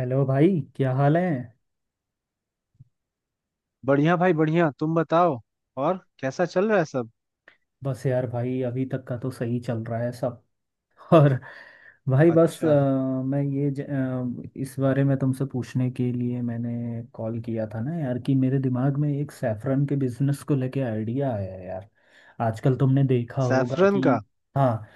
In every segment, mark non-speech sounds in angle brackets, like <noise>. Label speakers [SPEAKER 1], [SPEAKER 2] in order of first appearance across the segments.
[SPEAKER 1] Hello भाई, क्या हाल है?
[SPEAKER 2] बढ़िया भाई बढ़िया। तुम बताओ, और कैसा चल रहा है सब?
[SPEAKER 1] बस यार भाई, अभी तक का तो सही चल रहा है सब। और भाई बस
[SPEAKER 2] अच्छा,
[SPEAKER 1] मैं ये इस बारे में तुमसे पूछने के लिए मैंने कॉल किया था ना यार, कि मेरे दिमाग में एक सैफरन के बिजनेस को लेके आइडिया आया है यार। आजकल तुमने देखा होगा
[SPEAKER 2] सैफरन
[SPEAKER 1] कि।
[SPEAKER 2] का?
[SPEAKER 1] हाँ।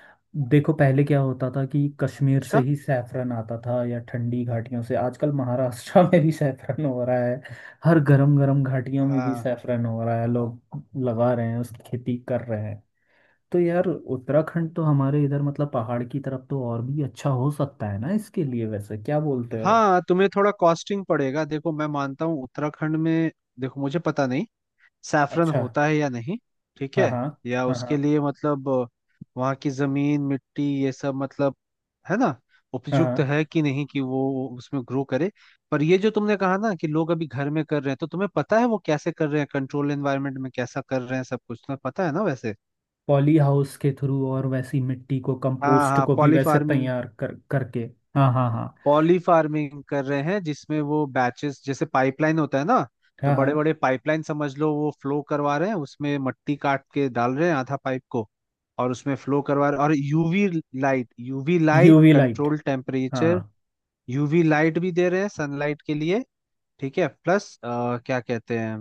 [SPEAKER 1] देखो, पहले क्या होता था कि कश्मीर से
[SPEAKER 2] अच्छा।
[SPEAKER 1] ही सैफरन आता था, या ठंडी घाटियों से। आजकल महाराष्ट्र <laughs> में भी सैफरन हो रहा है। हर गरम गरम घाटियों में भी
[SPEAKER 2] हाँ
[SPEAKER 1] सैफरन हो रहा है। लोग लगा रहे हैं, उस खेती कर रहे हैं। तो यार, उत्तराखंड तो हमारे इधर मतलब पहाड़ की तरफ तो और भी अच्छा हो सकता है ना इसके लिए, वैसे क्या बोलते हो?
[SPEAKER 2] हाँ, तुम्हें थोड़ा कॉस्टिंग पड़ेगा। देखो, मैं मानता हूँ उत्तराखंड में, देखो मुझे पता नहीं सैफरन
[SPEAKER 1] अच्छा।
[SPEAKER 2] होता है या नहीं। ठीक
[SPEAKER 1] हाँ,
[SPEAKER 2] है,
[SPEAKER 1] हाँ।
[SPEAKER 2] या
[SPEAKER 1] हाँ,
[SPEAKER 2] उसके
[SPEAKER 1] हाँ।
[SPEAKER 2] लिए मतलब वहाँ की जमीन मिट्टी ये सब मतलब, है ना,
[SPEAKER 1] हाँ,
[SPEAKER 2] उपयुक्त
[SPEAKER 1] हाँ।
[SPEAKER 2] है कि नहीं कि वो उसमें ग्रो करे। पर ये जो तुमने कहा ना कि लोग अभी घर में कर रहे हैं, तो तुम्हें पता है वो कैसे कर रहे हैं, कंट्रोल एनवायरनमेंट में कैसा कर रहे हैं, सब कुछ तुम्हें पता है ना वैसे?
[SPEAKER 1] पॉली हाउस के थ्रू, और वैसी मिट्टी को,
[SPEAKER 2] हाँ
[SPEAKER 1] कंपोस्ट
[SPEAKER 2] हाँ,
[SPEAKER 1] को भी
[SPEAKER 2] पॉली
[SPEAKER 1] वैसे
[SPEAKER 2] फार्मिंग।
[SPEAKER 1] तैयार कर करके। हाँ, हाँ, हाँ।
[SPEAKER 2] पॉली फार्मिंग कर रहे हैं जिसमें वो बैचेस जैसे पाइपलाइन होता है ना, तो
[SPEAKER 1] हाँ, हाँ।
[SPEAKER 2] बड़े बड़े पाइपलाइन समझ लो, वो फ्लो करवा रहे हैं उसमें, मट्टी काट के डाल रहे हैं आधा पाइप को और उसमें फ्लो करवा रहे हैं, और UV light, UV light,
[SPEAKER 1] UV light.
[SPEAKER 2] Control
[SPEAKER 1] हाँ।
[SPEAKER 2] टेम्परेचर। यूवी लाइट भी दे रहे हैं सनलाइट के लिए। ठीक है, प्लस क्या कहते हैं,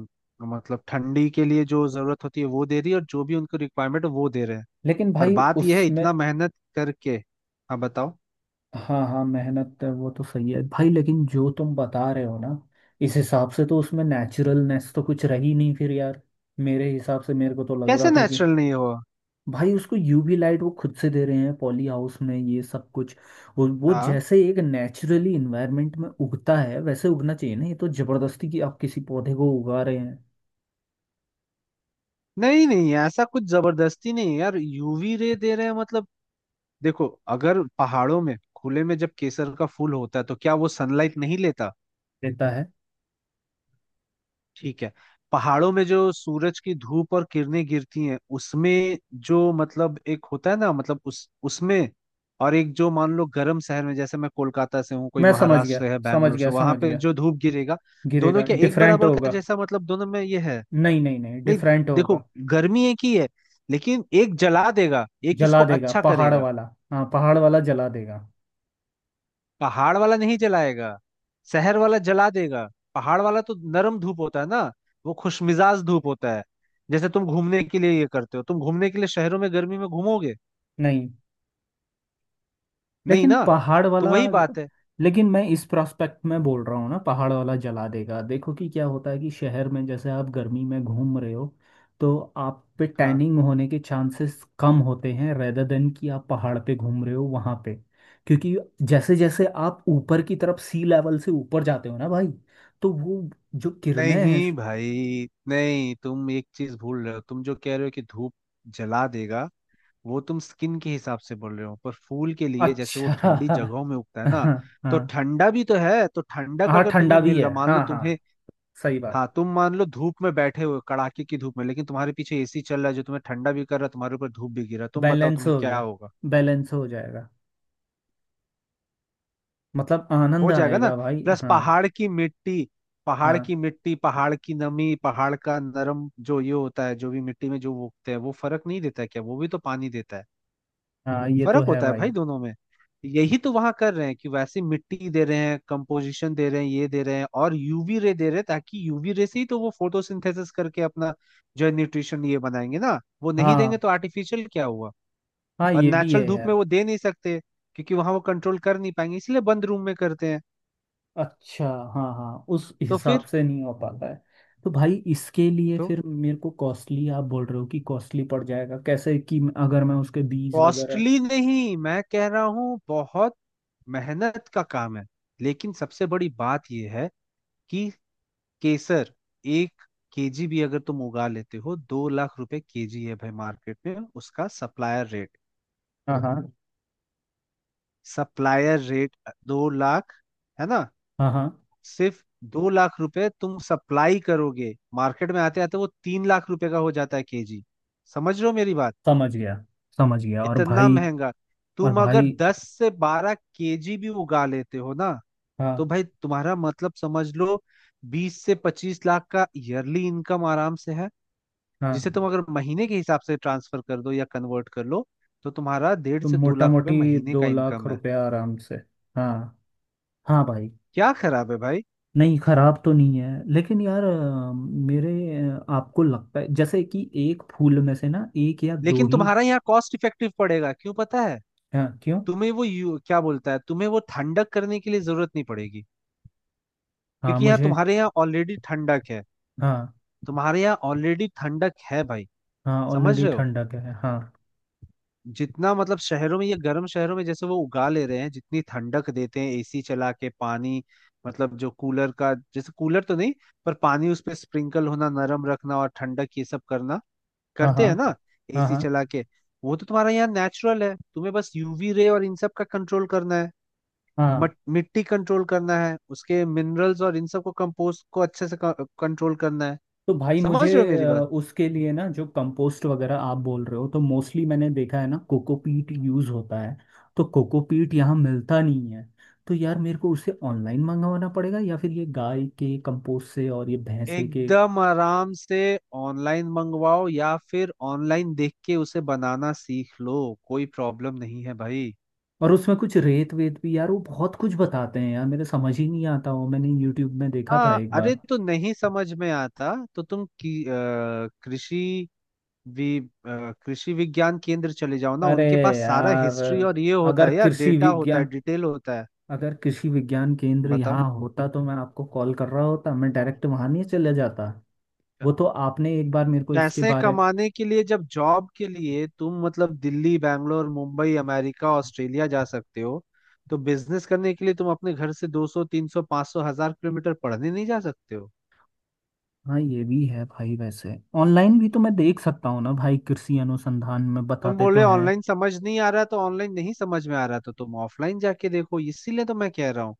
[SPEAKER 2] मतलब ठंडी के लिए जो जरूरत होती है वो दे रही है, और जो भी उनको रिक्वायरमेंट वो दे रहे हैं।
[SPEAKER 1] लेकिन
[SPEAKER 2] पर
[SPEAKER 1] भाई
[SPEAKER 2] बात यह है,
[SPEAKER 1] उसमें।
[SPEAKER 2] इतना मेहनत करके। हाँ बताओ।
[SPEAKER 1] हाँ, हाँ, मेहनत है, वो तो सही है भाई, लेकिन जो तुम बता रहे हो ना। इस हिसाब से तो उसमें नेचुरलनेस तो कुछ रही नहीं फिर यार। मेरे हिसाब से मेरे को तो लग
[SPEAKER 2] कैसे
[SPEAKER 1] रहा था कि।
[SPEAKER 2] नेचुरल नहीं हो?
[SPEAKER 1] भाई, उसको यूवी लाइट वो खुद से दे रहे हैं, पॉली हाउस में, ये सब कुछ। वो
[SPEAKER 2] हाँ,
[SPEAKER 1] जैसे एक नेचुरली इन्वायरमेंट में उगता है वैसे उगना चाहिए ना। ये तो जबरदस्ती की, आप किसी पौधे को उगा रहे हैं।
[SPEAKER 2] नहीं नहीं, ऐसा कुछ जबरदस्ती नहीं है यार, यूवी रे दे रहे हैं मतलब। देखो, अगर पहाड़ों में खुले में जब केसर का फूल होता है, तो क्या वो सनलाइट नहीं लेता?
[SPEAKER 1] देता है।
[SPEAKER 2] ठीक है। पहाड़ों में जो सूरज की धूप और किरणें गिरती हैं, उसमें जो मतलब एक होता है ना, मतलब उस उसमें, और एक जो मान लो गर्म शहर में, जैसे मैं कोलकाता से हूँ, कोई
[SPEAKER 1] मैं समझ
[SPEAKER 2] महाराष्ट्र
[SPEAKER 1] गया,
[SPEAKER 2] से है,
[SPEAKER 1] समझ
[SPEAKER 2] बैंगलोर से,
[SPEAKER 1] गया,
[SPEAKER 2] वहां
[SPEAKER 1] समझ
[SPEAKER 2] पे
[SPEAKER 1] गया।
[SPEAKER 2] जो धूप गिरेगा। दोनों
[SPEAKER 1] गिरेगा,
[SPEAKER 2] क्या एक
[SPEAKER 1] डिफरेंट
[SPEAKER 2] बराबर का
[SPEAKER 1] होगा।
[SPEAKER 2] जैसा, मतलब दोनों में ये है?
[SPEAKER 1] नहीं, नहीं, नहीं,
[SPEAKER 2] नहीं।
[SPEAKER 1] डिफरेंट
[SPEAKER 2] देखो,
[SPEAKER 1] होगा।
[SPEAKER 2] गर्मी एक ही है, लेकिन एक जला देगा, एक इसको
[SPEAKER 1] जला देगा
[SPEAKER 2] अच्छा
[SPEAKER 1] पहाड़
[SPEAKER 2] करेगा।
[SPEAKER 1] वाला। हाँ, पहाड़ वाला जला देगा।
[SPEAKER 2] पहाड़ वाला नहीं जलाएगा, शहर वाला जला देगा। पहाड़ वाला तो नरम धूप होता है ना, वो खुशमिजाज धूप होता है। जैसे तुम घूमने के लिए ये करते हो, तुम घूमने के लिए शहरों में गर्मी में घूमोगे?
[SPEAKER 1] नहीं।
[SPEAKER 2] नहीं
[SPEAKER 1] लेकिन
[SPEAKER 2] ना,
[SPEAKER 1] पहाड़
[SPEAKER 2] तो
[SPEAKER 1] वाला।
[SPEAKER 2] वही बात है।
[SPEAKER 1] लेकिन मैं इस प्रोस्पेक्ट में बोल रहा हूँ ना, पहाड़ वाला जला देगा। देखो कि क्या होता है, कि शहर में जैसे आप गर्मी में घूम रहे हो, तो आप पे
[SPEAKER 2] हाँ,
[SPEAKER 1] टैनिंग होने के चांसेस कम होते हैं, रेदर देन कि आप पहाड़ पे घूम रहे हो वहाँ पे। क्योंकि जैसे जैसे आप ऊपर की तरफ सी लेवल से ऊपर जाते हो ना भाई, तो वो, जो किरणें हैं।
[SPEAKER 2] नहीं भाई नहीं, तुम एक चीज भूल रहे हो। तुम जो कह रहे हो कि धूप जला देगा, वो तुम स्किन के हिसाब से बोल रहे हो, पर फूल के लिए जैसे वो
[SPEAKER 1] अच्छा।
[SPEAKER 2] ठंडी
[SPEAKER 1] <laughs>
[SPEAKER 2] जगहों में उगता है ना,
[SPEAKER 1] हाँ, हाँ।
[SPEAKER 2] तो ठंडा भी तो है। तो ठंडा का
[SPEAKER 1] हाँ,
[SPEAKER 2] अगर तुम्हें
[SPEAKER 1] ठंडा भी
[SPEAKER 2] मिल
[SPEAKER 1] है।
[SPEAKER 2] रहा, मान लो
[SPEAKER 1] हाँ, हाँ।
[SPEAKER 2] तुम्हें,
[SPEAKER 1] सही बात।
[SPEAKER 2] हाँ, तुम मान लो धूप में बैठे हुए हो, कड़ाके की धूप में, लेकिन तुम्हारे पीछे एसी चल रहा है जो तुम्हें ठंडा भी कर रहा है, तुम्हारे ऊपर धूप भी गिर रहा है, तुम बताओ
[SPEAKER 1] बैलेंस
[SPEAKER 2] तुम्हें
[SPEAKER 1] हो
[SPEAKER 2] क्या
[SPEAKER 1] गया।
[SPEAKER 2] होगा?
[SPEAKER 1] बैलेंस हो जाएगा। मतलब आनंद
[SPEAKER 2] हो जाएगा ना।
[SPEAKER 1] आएगा भाई।
[SPEAKER 2] प्लस
[SPEAKER 1] हाँ।
[SPEAKER 2] पहाड़ की मिट्टी, पहाड़
[SPEAKER 1] हाँ।
[SPEAKER 2] की मिट्टी, पहाड़ की नमी, पहाड़ का नरम जो ये होता है, जो भी मिट्टी में, जो वो उगते हैं, वो फर्क नहीं देता है क्या? वो भी तो पानी देता है।
[SPEAKER 1] हाँ, ये तो
[SPEAKER 2] फर्क
[SPEAKER 1] है
[SPEAKER 2] होता है
[SPEAKER 1] भाई।
[SPEAKER 2] भाई दोनों में। यही तो वहां कर रहे हैं कि वैसे मिट्टी दे रहे हैं, कंपोजिशन दे रहे हैं, ये दे रहे हैं और यूवी रे दे रहे हैं, ताकि यूवी रे से ही तो वो फोटोसिंथेसिस करके अपना जो है न्यूट्रिशन ये बनाएंगे ना, वो नहीं देंगे
[SPEAKER 1] हाँ,
[SPEAKER 2] तो आर्टिफिशियल क्या हुआ?
[SPEAKER 1] हाँ,
[SPEAKER 2] और
[SPEAKER 1] ये भी
[SPEAKER 2] नेचुरल
[SPEAKER 1] है
[SPEAKER 2] धूप में
[SPEAKER 1] यार।
[SPEAKER 2] वो दे नहीं सकते, क्योंकि वहां वो कंट्रोल कर नहीं पाएंगे, इसलिए बंद रूम में करते हैं।
[SPEAKER 1] अच्छा। हाँ, हाँ, उस
[SPEAKER 2] तो
[SPEAKER 1] हिसाब
[SPEAKER 2] फिर,
[SPEAKER 1] से नहीं हो पाता है। तो भाई इसके लिए
[SPEAKER 2] तो
[SPEAKER 1] फिर, मेरे को कॉस्टली आप बोल रहे हो कि कॉस्टली पड़ जाएगा कैसे, कि अगर मैं उसके बीज वगैरह।
[SPEAKER 2] कॉस्टली नहीं, मैं कह रहा हूँ बहुत मेहनत का काम है। लेकिन सबसे बड़ी बात यह है कि केसर एक केजी भी अगर तुम उगा लेते हो, दो लाख रुपए केजी है भाई मार्केट में उसका सप्लायर रेट।
[SPEAKER 1] हाँ, हाँ।
[SPEAKER 2] सप्लायर रेट दो लाख, है ना?
[SPEAKER 1] हाँ, हाँ।
[SPEAKER 2] सिर्फ दो लाख रुपए तुम सप्लाई करोगे, मार्केट में आते आते वो तीन लाख रुपए का हो जाता है केजी। समझ रहे हो मेरी बात?
[SPEAKER 1] समझ गया, समझ गया। और
[SPEAKER 2] इतना
[SPEAKER 1] भाई।
[SPEAKER 2] महंगा।
[SPEAKER 1] और
[SPEAKER 2] तुम अगर
[SPEAKER 1] भाई।
[SPEAKER 2] दस से बारह केजी भी उगा लेते हो ना, तो
[SPEAKER 1] हाँ,
[SPEAKER 2] भाई तुम्हारा मतलब समझ लो बीस से पच्चीस लाख का ईयरली इनकम आराम से है।
[SPEAKER 1] हाँ।
[SPEAKER 2] जिसे तुम अगर महीने के हिसाब से ट्रांसफर कर दो या कन्वर्ट कर लो, तो तुम्हारा डेढ़
[SPEAKER 1] तो
[SPEAKER 2] से दो
[SPEAKER 1] मोटा
[SPEAKER 2] लाख रुपए
[SPEAKER 1] मोटी
[SPEAKER 2] महीने का
[SPEAKER 1] 2 लाख
[SPEAKER 2] इनकम है।
[SPEAKER 1] रुपया आराम से। हाँ। हाँ भाई।
[SPEAKER 2] क्या खराब है भाई?
[SPEAKER 1] नहीं, खराब तो नहीं है, लेकिन यार मेरे। आपको लगता है जैसे कि एक फूल में से ना, एक या दो
[SPEAKER 2] लेकिन
[SPEAKER 1] ही।
[SPEAKER 2] तुम्हारा यहाँ कॉस्ट इफेक्टिव पड़ेगा, क्यों पता है?
[SPEAKER 1] हाँ, क्यों?
[SPEAKER 2] तुम्हें वो क्या बोलता है, तुम्हें वो ठंडक करने के लिए जरूरत नहीं पड़ेगी,
[SPEAKER 1] हाँ,
[SPEAKER 2] क्योंकि यहाँ
[SPEAKER 1] मुझे।
[SPEAKER 2] तुम्हारे यहाँ ऑलरेडी ठंडक है।
[SPEAKER 1] हाँ,
[SPEAKER 2] तुम्हारे यहाँ ऑलरेडी ठंडक है भाई।
[SPEAKER 1] हाँ,
[SPEAKER 2] समझ
[SPEAKER 1] ऑलरेडी
[SPEAKER 2] रहे हो?
[SPEAKER 1] ठंडक है। हाँ
[SPEAKER 2] जितना मतलब शहरों में, ये गर्म शहरों में, जैसे वो उगा ले रहे हैं, जितनी ठंडक देते हैं एसी चला के, पानी मतलब जो कूलर का जैसे, कूलर तो नहीं पर पानी उस पे स्प्रिंकल होना, नरम रखना और ठंडक ये सब करना,
[SPEAKER 1] हाँ। हाँ,
[SPEAKER 2] करते हैं ना
[SPEAKER 1] हाँ।
[SPEAKER 2] एसी
[SPEAKER 1] हाँ,
[SPEAKER 2] चला के। वो तो तुम्हारा यहाँ नेचुरल है, तुम्हें बस यूवी रे और इन सब का कंट्रोल करना है।
[SPEAKER 1] हाँ, हाँ।
[SPEAKER 2] मिट्टी कंट्रोल करना है, उसके मिनरल्स और इन सब को, कंपोस्ट को अच्छे से कंट्रोल करना है।
[SPEAKER 1] तो भाई मुझे,
[SPEAKER 2] समझ रहे हो मेरी बात?
[SPEAKER 1] उसके लिए ना जो कंपोस्ट वगैरह आप बोल रहे हो, तो मोस्टली मैंने देखा है ना, कोकोपीट यूज़ होता है। तो कोकोपीट यहाँ मिलता नहीं है। तो यार मेरे को उसे ऑनलाइन मंगवाना पड़ेगा, या फिर ये गाय के कंपोस्ट से और ये भैंसे के।
[SPEAKER 2] एकदम आराम से ऑनलाइन मंगवाओ, या फिर ऑनलाइन देख के उसे बनाना सीख लो, कोई प्रॉब्लम नहीं है भाई।
[SPEAKER 1] और उसमें कुछ रेत वेत भी, यार वो बहुत कुछ बताते हैं, यार मेरे समझ ही नहीं आता। वो मैंने यूट्यूब में देखा था
[SPEAKER 2] हाँ,
[SPEAKER 1] एक
[SPEAKER 2] अरे
[SPEAKER 1] बार।
[SPEAKER 2] तो नहीं समझ में आता तो तुम की, अ, कृषि वि, अ, कृषि विज्ञान केंद्र चले जाओ ना,
[SPEAKER 1] अरे
[SPEAKER 2] उनके पास सारा
[SPEAKER 1] यार,
[SPEAKER 2] हिस्ट्री और ये होता
[SPEAKER 1] अगर
[SPEAKER 2] है यार,
[SPEAKER 1] कृषि
[SPEAKER 2] डेटा होता है,
[SPEAKER 1] विज्ञान
[SPEAKER 2] डिटेल होता है।
[SPEAKER 1] अगर कृषि विज्ञान केंद्र
[SPEAKER 2] बताओ,
[SPEAKER 1] यहाँ होता तो मैं आपको कॉल कर रहा होता, मैं डायरेक्ट वहाँ नहीं चले जाता? वो तो आपने एक बार मेरे को इसके
[SPEAKER 2] पैसे
[SPEAKER 1] बारे।
[SPEAKER 2] कमाने के लिए, जब जॉब के लिए तुम मतलब दिल्ली, बैंगलोर, मुंबई, अमेरिका, ऑस्ट्रेलिया जा सकते हो, तो बिजनेस करने के लिए तुम अपने घर से 200 300 500 हजार किलोमीटर पढ़ने नहीं जा सकते हो?
[SPEAKER 1] हाँ, ये भी है भाई, वैसे ऑनलाइन भी तो मैं देख सकता हूँ ना भाई, कृषि अनुसंधान में
[SPEAKER 2] तुम
[SPEAKER 1] बताते तो
[SPEAKER 2] बोले
[SPEAKER 1] हैं।
[SPEAKER 2] ऑनलाइन समझ नहीं आ रहा, तो ऑनलाइन नहीं समझ में आ रहा तो तुम ऑफलाइन जाके देखो, इसीलिए तो मैं कह रहा हूँ।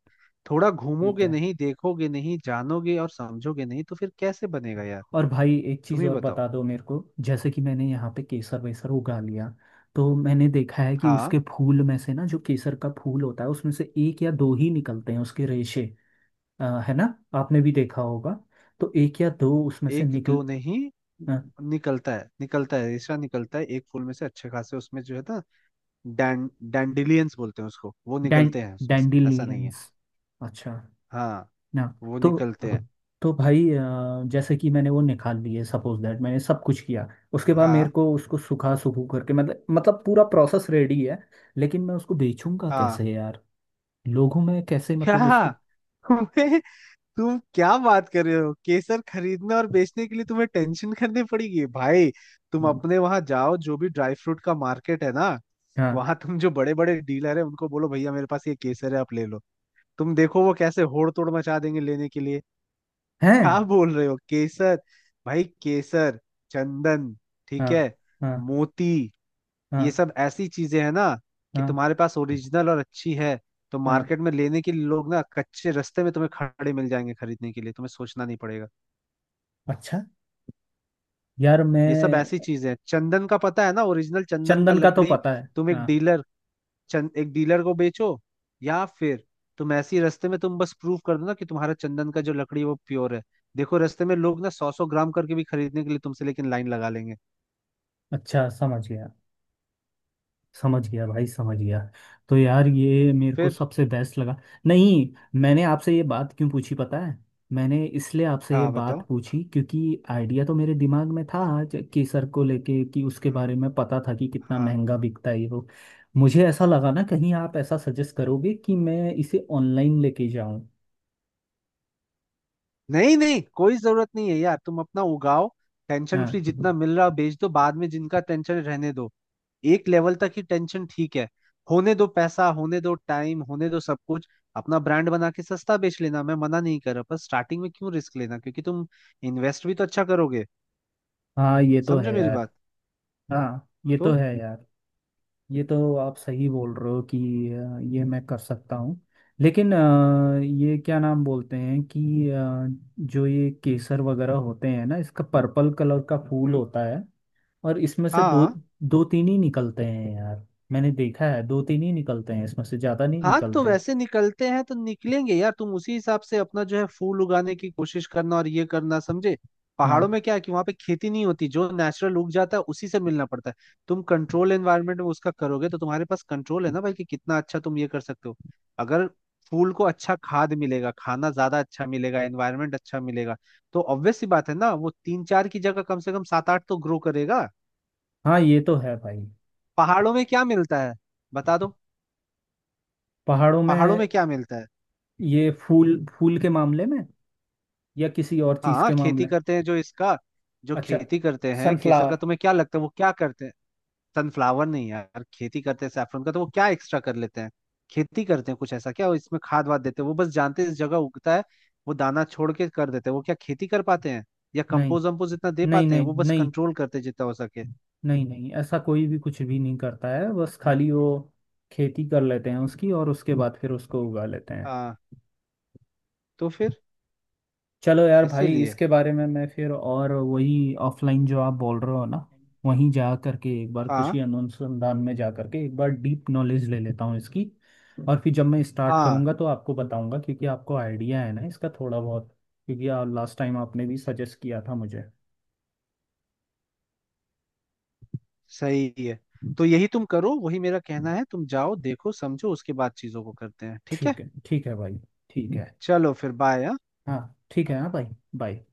[SPEAKER 2] थोड़ा
[SPEAKER 1] ठीक
[SPEAKER 2] घूमोगे
[SPEAKER 1] है।
[SPEAKER 2] नहीं, देखोगे नहीं, जानोगे और समझोगे नहीं, तो फिर कैसे बनेगा यार?
[SPEAKER 1] और भाई, एक
[SPEAKER 2] तुम
[SPEAKER 1] चीज़
[SPEAKER 2] ही
[SPEAKER 1] और
[SPEAKER 2] बताओ।
[SPEAKER 1] बता दो मेरे को। जैसे कि मैंने यहाँ पे केसर वेसर उगा लिया, तो मैंने देखा है कि
[SPEAKER 2] हाँ,
[SPEAKER 1] उसके फूल में से ना, जो केसर का फूल होता है उसमें से एक या दो ही निकलते हैं, उसके रेशे। है ना? आपने भी देखा होगा। तो एक या दो उसमें से
[SPEAKER 2] एक
[SPEAKER 1] निकल।
[SPEAKER 2] दो नहीं, निकलता है, निकलता है, रेशा निकलता है एक फूल में से अच्छे खासे, उसमें जो है ना, डैं डैंडिलियंस बोलते हैं उसको, वो निकलते हैं उसमें से, ऐसा नहीं है।
[SPEAKER 1] डैंडिलियंस। अच्छा।
[SPEAKER 2] हाँ,
[SPEAKER 1] ना।
[SPEAKER 2] वो
[SPEAKER 1] तो।
[SPEAKER 2] निकलते हैं।
[SPEAKER 1] तो भाई जैसे कि मैंने वो निकाल लिए, सपोज दैट मैंने सब कुछ किया। उसके बाद मेरे
[SPEAKER 2] हाँ
[SPEAKER 1] को उसको सुखा सुखू करके, मतलब पूरा प्रोसेस रेडी है। लेकिन मैं उसको बेचूंगा
[SPEAKER 2] हाँ,
[SPEAKER 1] कैसे यार? लोगों में कैसे, मतलब
[SPEAKER 2] क्या
[SPEAKER 1] उसको।
[SPEAKER 2] तुम्हें, तुम क्या बात कर रहे हो? केसर खरीदने और बेचने के लिए तुम्हें टेंशन करनी पड़ेगी भाई? तुम अपने वहां जाओ, जो भी ड्राई फ्रूट का मार्केट है ना,
[SPEAKER 1] हाँ,
[SPEAKER 2] वहां तुम जो बड़े बड़े डीलर है उनको बोलो, भैया मेरे पास ये केसर है, आप ले लो। तुम देखो वो कैसे होड़ तोड़ मचा देंगे लेने के लिए।
[SPEAKER 1] है।
[SPEAKER 2] क्या बोल रहे हो, केसर! भाई केसर, चंदन, ठीक
[SPEAKER 1] हाँ,
[SPEAKER 2] है,
[SPEAKER 1] हाँ,
[SPEAKER 2] मोती, ये
[SPEAKER 1] हाँ,
[SPEAKER 2] सब ऐसी चीजें हैं ना कि
[SPEAKER 1] हाँ,
[SPEAKER 2] तुम्हारे पास ओरिजिनल और अच्छी है, तो
[SPEAKER 1] हाँ।
[SPEAKER 2] मार्केट में लेने के लिए लोग ना कच्चे रास्ते में तुम्हें खड़े मिल जाएंगे खरीदने के लिए, तुम्हें सोचना नहीं पड़ेगा।
[SPEAKER 1] अच्छा। यार
[SPEAKER 2] ये सब ऐसी
[SPEAKER 1] मैं।
[SPEAKER 2] चीजें हैं, चंदन का पता है ना, ओरिजिनल चंदन का
[SPEAKER 1] चंदन का तो
[SPEAKER 2] लकड़ी।
[SPEAKER 1] पता है,
[SPEAKER 2] तुम एक
[SPEAKER 1] हाँ।
[SPEAKER 2] डीलर, चंद एक डीलर को बेचो, या फिर तुम ऐसी रास्ते में तुम बस प्रूव कर दो ना कि तुम्हारा चंदन का जो लकड़ी है वो प्योर है, देखो रास्ते में लोग ना सौ सौ ग्राम करके भी खरीदने के लिए तुमसे लेकिन लाइन लगा लेंगे।
[SPEAKER 1] अच्छा, समझ गया, समझ गया भाई, समझ गया। तो यार ये मेरे को
[SPEAKER 2] फिर?
[SPEAKER 1] सबसे बेस्ट लगा। नहीं। मैंने आपसे ये बात क्यों पूछी पता है? मैंने इसलिए आपसे ये
[SPEAKER 2] हाँ बताओ।
[SPEAKER 1] बात पूछी, क्योंकि आइडिया तो मेरे दिमाग में था आज केसर को लेके, कि उसके
[SPEAKER 2] हम्म,
[SPEAKER 1] बारे में पता था कि कितना
[SPEAKER 2] हाँ,
[SPEAKER 1] महंगा बिकता है, ये वो। मुझे ऐसा लगा ना कहीं आप ऐसा सजेस्ट करोगे कि मैं इसे ऑनलाइन लेके जाऊं।
[SPEAKER 2] नहीं नहीं, कोई जरूरत नहीं है यार, तुम अपना उगाओ। टेंशन फ्री
[SPEAKER 1] हाँ,
[SPEAKER 2] जितना मिल रहा बेच दो, बाद में जिनका टेंशन रहने दो। एक लेवल तक ही टेंशन ठीक है, होने दो पैसा, होने दो टाइम, होने दो सब कुछ। अपना ब्रांड बना के सस्ता बेच लेना, मैं मना नहीं कर रहा, पर स्टार्टिंग में क्यों रिस्क लेना, क्योंकि तुम इन्वेस्ट भी तो अच्छा करोगे।
[SPEAKER 1] हाँ, ये तो
[SPEAKER 2] समझो
[SPEAKER 1] है
[SPEAKER 2] मेरी
[SPEAKER 1] यार।
[SPEAKER 2] बात।
[SPEAKER 1] हाँ, ये तो
[SPEAKER 2] तो
[SPEAKER 1] है यार। ये तो आप सही बोल रहे हो कि ये मैं कर सकता हूँ। लेकिन ये क्या नाम बोलते हैं, कि जो ये केसर वगैरह होते हैं ना, इसका पर्पल कलर का फूल
[SPEAKER 2] हम्म
[SPEAKER 1] होता है। और इसमें से दो,
[SPEAKER 2] हाँ
[SPEAKER 1] दो तीन ही निकलते हैं यार। मैंने देखा है, दो तीन ही निकलते हैं, इसमें से ज़्यादा नहीं
[SPEAKER 2] हाँ, तो
[SPEAKER 1] निकलते।
[SPEAKER 2] वैसे निकलते हैं तो निकलेंगे यार, तुम उसी हिसाब से अपना जो है फूल उगाने की कोशिश करना और ये करना, समझे? पहाड़ों
[SPEAKER 1] हाँ,
[SPEAKER 2] में क्या है कि वहां पे खेती नहीं होती, जो नेचुरल उग जाता है उसी से मिलना पड़ता है। तुम कंट्रोल एनवायरनमेंट में उसका करोगे, तो तुम्हारे पास कंट्रोल है ना भाई कि कितना अच्छा तुम ये कर सकते हो। अगर फूल को अच्छा खाद मिलेगा, खाना ज्यादा अच्छा मिलेगा, एनवायरनमेंट अच्छा मिलेगा, तो ऑब्वियस सी बात है ना, वो तीन चार की जगह कम से कम सात आठ तो ग्रो करेगा।
[SPEAKER 1] हाँ, ये तो है भाई।
[SPEAKER 2] पहाड़ों में क्या मिलता है, बता दो?
[SPEAKER 1] पहाड़ों
[SPEAKER 2] पहाड़ों
[SPEAKER 1] में?
[SPEAKER 2] में क्या मिलता है?
[SPEAKER 1] ये फूल फूल के मामले में, या किसी और चीज़
[SPEAKER 2] हाँ,
[SPEAKER 1] के
[SPEAKER 2] खेती
[SPEAKER 1] मामले?
[SPEAKER 2] करते हैं जो इसका, जो
[SPEAKER 1] अच्छा।
[SPEAKER 2] खेती करते हैं केसर
[SPEAKER 1] सनफ्लावर।
[SPEAKER 2] का, तुम्हें क्या लगता है वो क्या करते हैं? सनफ्लावर नहीं यार, खेती करते हैं सैफरन का, तो वो क्या एक्स्ट्रा कर लेते हैं? खेती करते हैं कुछ ऐसा क्या? वो इसमें खाद वाद देते हैं? वो बस जानते हैं इस जगह उगता है, वो दाना छोड़ के कर देते हैं, वो क्या खेती कर पाते हैं, या
[SPEAKER 1] नहीं,
[SPEAKER 2] कंपोज वम्पोज इतना दे
[SPEAKER 1] नहीं,
[SPEAKER 2] पाते हैं?
[SPEAKER 1] नहीं।
[SPEAKER 2] वो बस
[SPEAKER 1] नहीं,
[SPEAKER 2] कंट्रोल करते हैं जितना हो सके।
[SPEAKER 1] नहीं, नहीं, ऐसा कोई भी कुछ भी नहीं करता है। बस खाली वो खेती कर लेते हैं उसकी, और उसके बाद फिर उसको उगा लेते हैं।
[SPEAKER 2] हाँ, तो फिर
[SPEAKER 1] चलो यार भाई,
[SPEAKER 2] इसीलिए।
[SPEAKER 1] इसके बारे में मैं फिर, और वही ऑफलाइन जो आप बोल रहे हो ना, वहीं जा करके, एक बार
[SPEAKER 2] हाँ
[SPEAKER 1] कृषि अनुसंधान में जा करके एक बार डीप नॉलेज ले लेता हूँ इसकी। और फिर जब मैं स्टार्ट
[SPEAKER 2] हाँ,
[SPEAKER 1] करूँगा तो आपको बताऊँगा, क्योंकि आपको आइडिया है ना इसका थोड़ा बहुत। क्योंकि आप लास्ट टाइम आपने भी सजेस्ट किया था मुझे।
[SPEAKER 2] सही है। तो यही तुम करो, वही मेरा कहना है, तुम जाओ, देखो, समझो, उसके बाद चीजों को करते हैं। ठीक है,
[SPEAKER 1] ठीक है, ठीक है भाई। ठीक है।
[SPEAKER 2] चलो फिर, बाय।
[SPEAKER 1] हाँ, ठीक है। हाँ भाई। बाय।